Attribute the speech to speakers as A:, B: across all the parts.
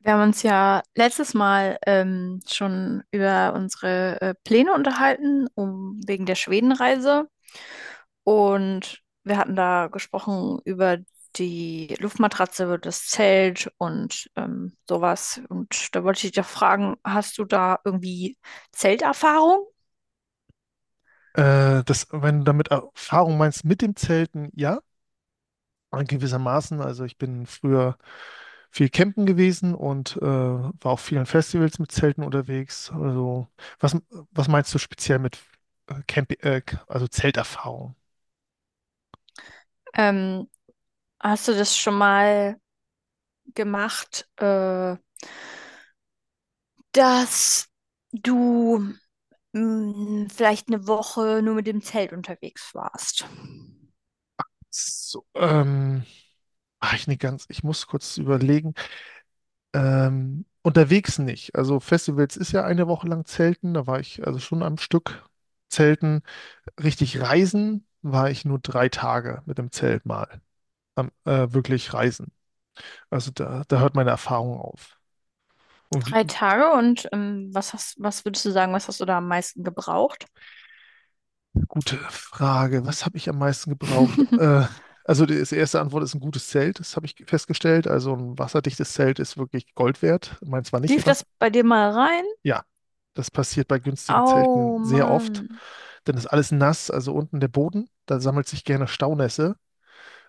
A: Wir haben uns ja letztes Mal schon über unsere Pläne unterhalten, um wegen der Schwedenreise. Und wir hatten da gesprochen über die Luftmatratze, über das Zelt und sowas. Und da wollte ich dich doch fragen, hast du da irgendwie Zelterfahrung?
B: Wenn du damit Erfahrung meinst mit dem Zelten, ja, gewissermaßen. Also ich bin früher viel campen gewesen und war auf vielen Festivals mit Zelten unterwegs. Also was, was meinst du speziell mit äh, Camp, äh, also Zelterfahrung?
A: Ähm, Hast du das schon mal gemacht, dass du vielleicht 1 Woche nur mit dem Zelt unterwegs warst?
B: So, ach, ich muss kurz überlegen. Unterwegs nicht. Also Festivals ist ja eine Woche lang Zelten, da war ich also schon am Stück Zelten. Richtig reisen war ich nur 3 Tage mit dem Zelt mal. Wirklich reisen. Also da hört meine Erfahrung auf. Und
A: 3 Tage, und was hast, was würdest du sagen, was hast du da am meisten gebraucht?
B: gute Frage, was habe ich am meisten gebraucht? Also die erste Antwort ist ein gutes Zelt, das habe ich festgestellt. Also ein wasserdichtes Zelt ist wirklich Gold wert. Meins war
A: Lief
B: nicht
A: das
B: was.
A: bei dir mal rein?
B: Ja, das passiert bei günstigen Zelten
A: Oh
B: sehr oft.
A: Mann,
B: Dann ist alles nass, also unten der Boden. Da sammelt sich gerne Staunässe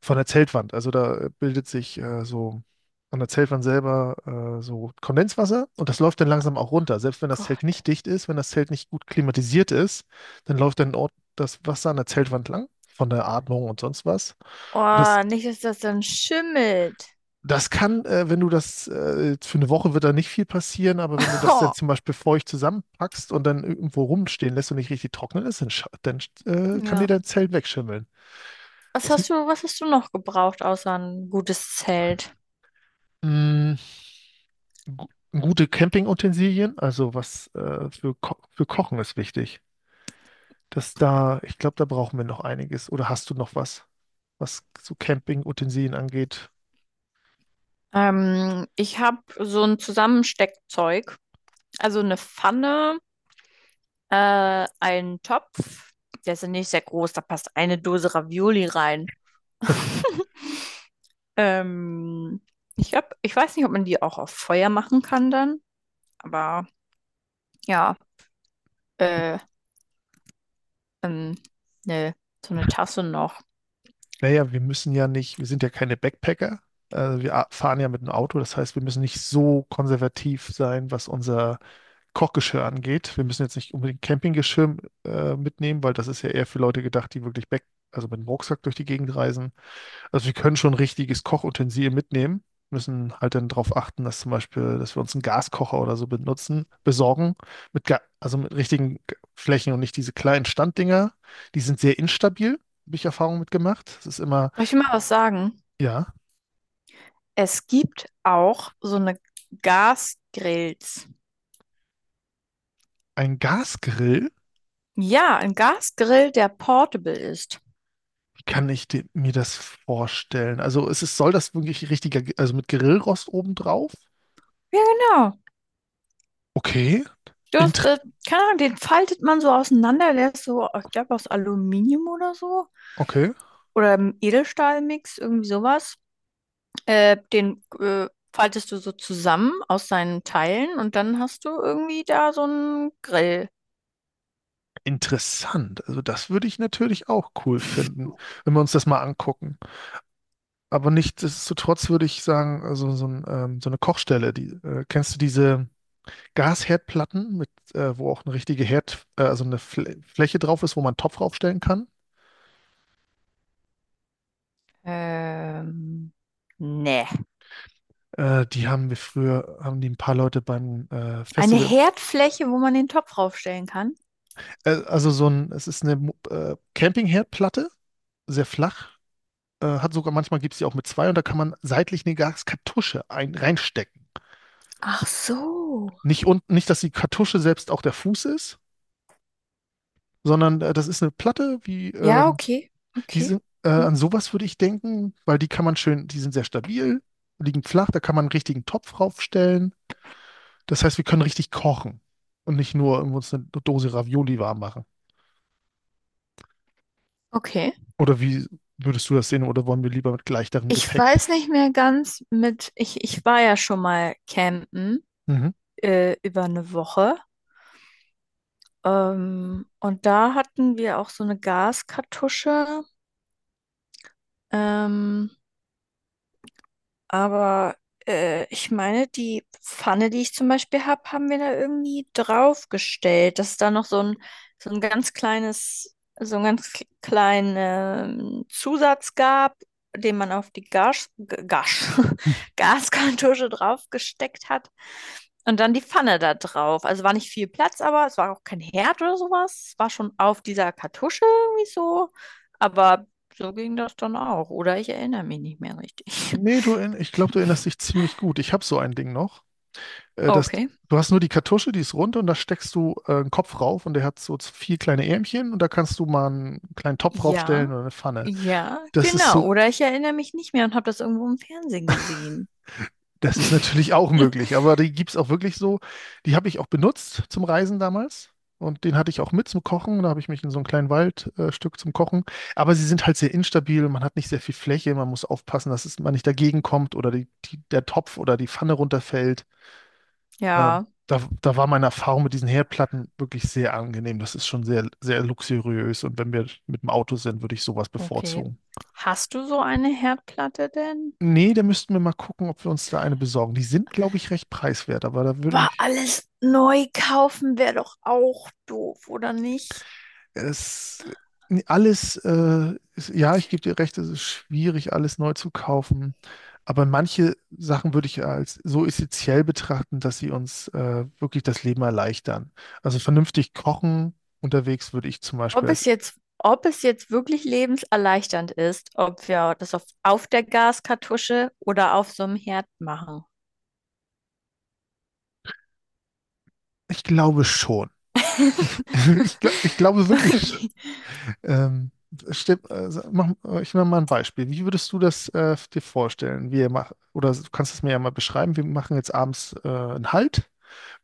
B: von der Zeltwand. Also da bildet sich so an der Zeltwand selber so Kondenswasser und das läuft dann langsam auch runter. Selbst wenn das Zelt
A: Gott.
B: nicht dicht ist, wenn das Zelt nicht gut klimatisiert ist, dann läuft dann dort das Wasser an der Zeltwand lang von der Atmung und sonst was. Und das,
A: Oh, nicht, dass das dann schimmelt.
B: wenn du das, für eine Woche wird da nicht viel passieren, aber wenn du das dann zum Beispiel feucht zusammenpackst und dann irgendwo rumstehen lässt und nicht richtig trocknen ist, dann kann dir
A: Ja.
B: dein Zelt wegschimmeln. Es,
A: Was hast du noch gebraucht, außer ein gutes Zelt?
B: mh, Gute Campingutensilien, also was für, Ko für Kochen ist wichtig. Ich glaube, da brauchen wir noch einiges. Oder hast du noch was, was so Campingutensilien angeht?
A: Ich habe so ein Zusammensteckzeug, also eine Pfanne, einen Topf. Der ist ja nicht sehr groß, da passt eine Dose Ravioli rein. Ähm, ich hab, ich weiß nicht, ob man die auch auf Feuer machen kann dann, aber ja, äh, ähm, ne, so eine Tasse noch.
B: Naja, wir müssen ja nicht, wir sind ja keine Backpacker. Also wir fahren ja mit einem Auto, das heißt, wir müssen nicht so konservativ sein, was unser Kochgeschirr angeht. Wir müssen jetzt nicht unbedingt Campinggeschirr mitnehmen, weil das ist ja eher für Leute gedacht, die also mit dem Rucksack durch die Gegend reisen. Also wir können schon richtiges Kochutensil mitnehmen, müssen halt dann darauf achten, dass wir uns einen Gaskocher oder so benutzen, besorgen, mit Ga also mit richtigen Flächen und nicht diese kleinen Standdinger. Die sind sehr instabil, habe ich Erfahrung mitgemacht. Es ist immer,
A: Soll ich dir mal was sagen?
B: ja,
A: Es gibt auch so eine Gasgrills.
B: ein Gasgrill.
A: Ja, ein Gasgrill, der portable ist.
B: Wie kann ich mir das vorstellen? Also soll das wirklich also mit Grillrost obendrauf?
A: Ja, genau.
B: Okay,
A: Du hast,
B: Inter
A: keine Ahnung, den faltet man so auseinander, der ist so, ich glaube, aus Aluminium oder so.
B: okay,
A: Oder im Edelstahlmix, irgendwie sowas. Den faltest du so zusammen aus seinen Teilen und dann hast du irgendwie da so einen Grill.
B: interessant. Also das würde ich natürlich auch cool finden, wenn wir uns das mal angucken. Aber nichtsdestotrotz würde ich sagen, also so, ein, so eine Kochstelle, die, kennst du diese Gasherdplatten, mit, wo auch eine richtige also eine Fl Fläche drauf ist, wo man einen Topf draufstellen kann?
A: Ähm, nee.
B: Die haben wir früher, haben die ein paar Leute beim
A: Eine
B: Festival.
A: Herdfläche, wo man den Topf draufstellen kann.
B: Also so ein, es ist eine Campingherdplatte, sehr flach. Hat sogar manchmal gibt es die auch mit zwei und da kann man seitlich eine Gaskartusche reinstecken.
A: Ach so.
B: Nicht unten, nicht, dass die Kartusche selbst auch der Fuß ist, sondern das ist eine Platte wie
A: Ja,
B: ähm,
A: okay.
B: Die
A: Okay. Ja.
B: An sowas würde ich denken, weil die kann man schön, die sind sehr stabil, liegen flach, da kann man einen richtigen Topf raufstellen. Das heißt, wir können richtig kochen und nicht nur irgendwo uns eine Dose Ravioli warm machen.
A: Okay.
B: Oder wie würdest du das sehen? Oder wollen wir lieber mit leichterem
A: Ich
B: Gepäck?
A: weiß nicht mehr ganz mit, ich war ja schon mal campen,
B: Mhm.
A: über 1 Woche. Und da hatten wir auch so eine Gaskartusche. Ähm, Aber ich meine, die Pfanne, die ich zum Beispiel habe, haben wir da irgendwie draufgestellt, dass da noch so ein ganz kleines, so ein ganz k- kleinen Zusatz gab, den man auf die Gas, G- Gas, Gaskartusche draufgesteckt hat. Und dann die Pfanne da drauf. Also war nicht viel Platz, aber es war auch kein Herd oder sowas. Es war schon auf dieser Kartusche irgendwie so. Aber so ging das dann auch. Oder ich erinnere mich nicht mehr richtig.
B: Nee, du, ich glaube, du erinnerst dich ziemlich gut. Ich habe so ein Ding noch. Äh, das,
A: Okay.
B: Du hast nur die Kartusche, die ist rund und da steckst du einen Kopf rauf und der hat so vier kleine Ärmchen und da kannst du mal einen kleinen Topf
A: Ja,
B: raufstellen oder eine Pfanne.
A: ja,
B: Das ist
A: genau.
B: so
A: Oder ich erinnere mich nicht mehr und habe das irgendwo im Fernsehen gesehen.
B: Das ist natürlich auch möglich, aber die gibt es auch wirklich so. Die habe ich auch benutzt zum Reisen damals. Und den hatte ich auch mit zum Kochen. Da habe ich mich in so ein kleinen Waldstück Stück zum Kochen. Aber sie sind halt sehr instabil. Man hat nicht sehr viel Fläche. Man muss aufpassen, dass man nicht dagegen kommt oder der Topf oder die Pfanne runterfällt. Ähm,
A: Ja,
B: Da war meine Erfahrung mit diesen Herdplatten wirklich sehr angenehm. Das ist schon sehr, sehr luxuriös. Und wenn wir mit dem Auto sind, würde ich sowas
A: okay.
B: bevorzugen.
A: Hast du so eine Herdplatte denn?
B: Nee, da müssten wir mal gucken, ob wir uns da eine besorgen. Die sind, glaube ich, recht preiswert, aber da würde.
A: Aber alles neu kaufen wäre doch auch doof, oder nicht?
B: Es, ja, ich gebe dir recht, es ist schwierig, alles neu zu kaufen. Aber manche Sachen würde ich als so essentiell betrachten, dass sie uns wirklich das Leben erleichtern. Also vernünftig kochen unterwegs würde ich zum Beispiel als.
A: Ob es jetzt wirklich lebenserleichternd ist, ob wir das auf der Gaskartusche oder auf so einem Herd machen.
B: Ich glaube schon. Ich glaube wirklich.
A: Okay.
B: Ähm, Ich mache mal ein Beispiel. Wie würdest du das dir vorstellen? Oder du kannst es mir ja mal beschreiben. Wir machen jetzt abends einen Halt.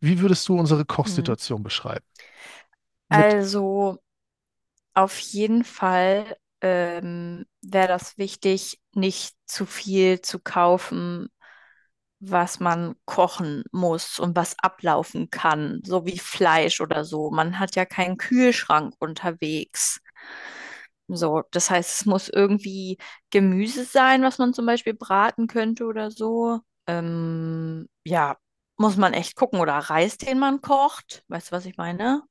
B: Wie würdest du unsere
A: Hm.
B: Kochsituation beschreiben? Mit,
A: Also. Auf jeden Fall wäre das wichtig, nicht zu viel zu kaufen, was man kochen muss und was ablaufen kann, so wie Fleisch oder so. Man hat ja keinen Kühlschrank unterwegs. So, das heißt, es muss irgendwie Gemüse sein, was man zum Beispiel braten könnte oder so. Ja, muss man echt gucken. Oder Reis, den man kocht. Weißt du, was ich meine?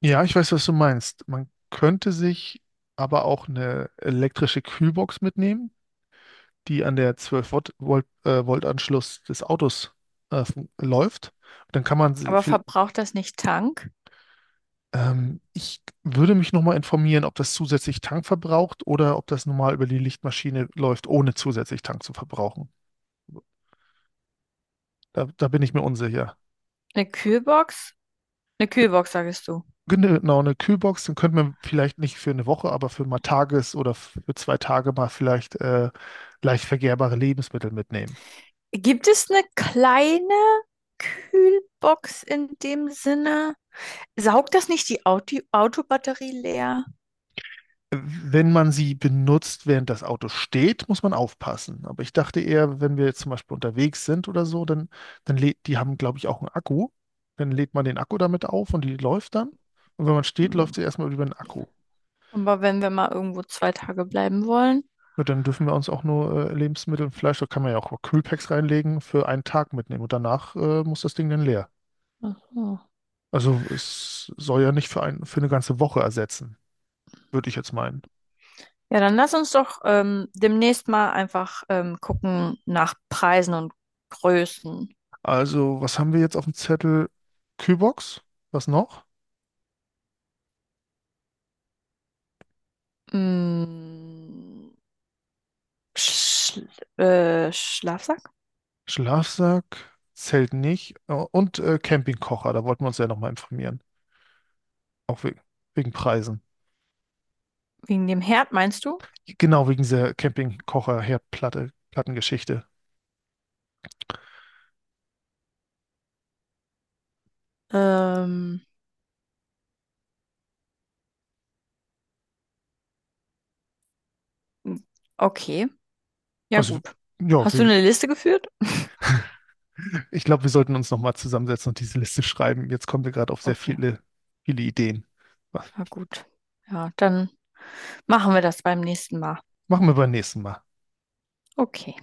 B: ja, ich weiß, was du meinst. Man könnte sich aber auch eine elektrische Kühlbox mitnehmen, die an der 12 Volt-Anschluss des Autos läuft. Dann kann man sie
A: Aber
B: viel.
A: verbraucht das nicht Tank?
B: Ich würde mich nochmal informieren, ob das zusätzlich Tank verbraucht oder ob das normal über die Lichtmaschine läuft, ohne zusätzlich Tank zu verbrauchen. Da bin ich mir unsicher.
A: Eine Kühlbox? Eine Kühlbox, sagst du.
B: Genau, genau, eine Kühlbox, dann könnte man vielleicht nicht für eine Woche, aber für 2 Tage mal vielleicht leicht vergärbare Lebensmittel mitnehmen.
A: Gibt es eine kleine Kühlbox in dem Sinne? Saugt das nicht die Autobatterie leer?
B: Wenn man sie benutzt, während das Auto steht, muss man aufpassen. Aber ich dachte eher, wenn wir jetzt zum Beispiel unterwegs sind oder so, die haben, glaube ich, auch einen Akku. Dann lädt man den Akku damit auf und die läuft dann. Und wenn man steht, läuft sie erstmal über den Akku.
A: Aber wenn wir mal irgendwo 2 Tage bleiben wollen.
B: Und dann dürfen wir uns auch nur Lebensmittel und Fleisch, da kann man ja auch Kühlpacks reinlegen, für einen Tag mitnehmen. Und danach muss das Ding dann leer.
A: Ach so.
B: Also es soll ja nicht für eine ganze Woche ersetzen, würde ich jetzt meinen.
A: Ja, dann lass uns doch demnächst mal einfach gucken nach Preisen und Größen.
B: Also, was haben wir jetzt auf dem Zettel? Kühlbox, was noch?
A: Mm, Schl Schlafsack?
B: Schlafsack, Zelt nicht und Campingkocher, da wollten wir uns ja nochmal informieren, auch we wegen Preisen.
A: Wegen dem Herd, meinst du?
B: Genau, wegen dieser Campingkocher-Herdplatte, Plattengeschichte.
A: Ähm, okay, ja,
B: Also,
A: gut.
B: ja,
A: Hast du eine Liste geführt?
B: ich glaube, wir sollten uns nochmal zusammensetzen und diese Liste schreiben. Jetzt kommen wir gerade auf sehr
A: Okay,
B: viele, viele Ideen.
A: na gut. Ja, dann machen wir das beim nächsten Mal.
B: Machen wir beim nächsten Mal.
A: Okay.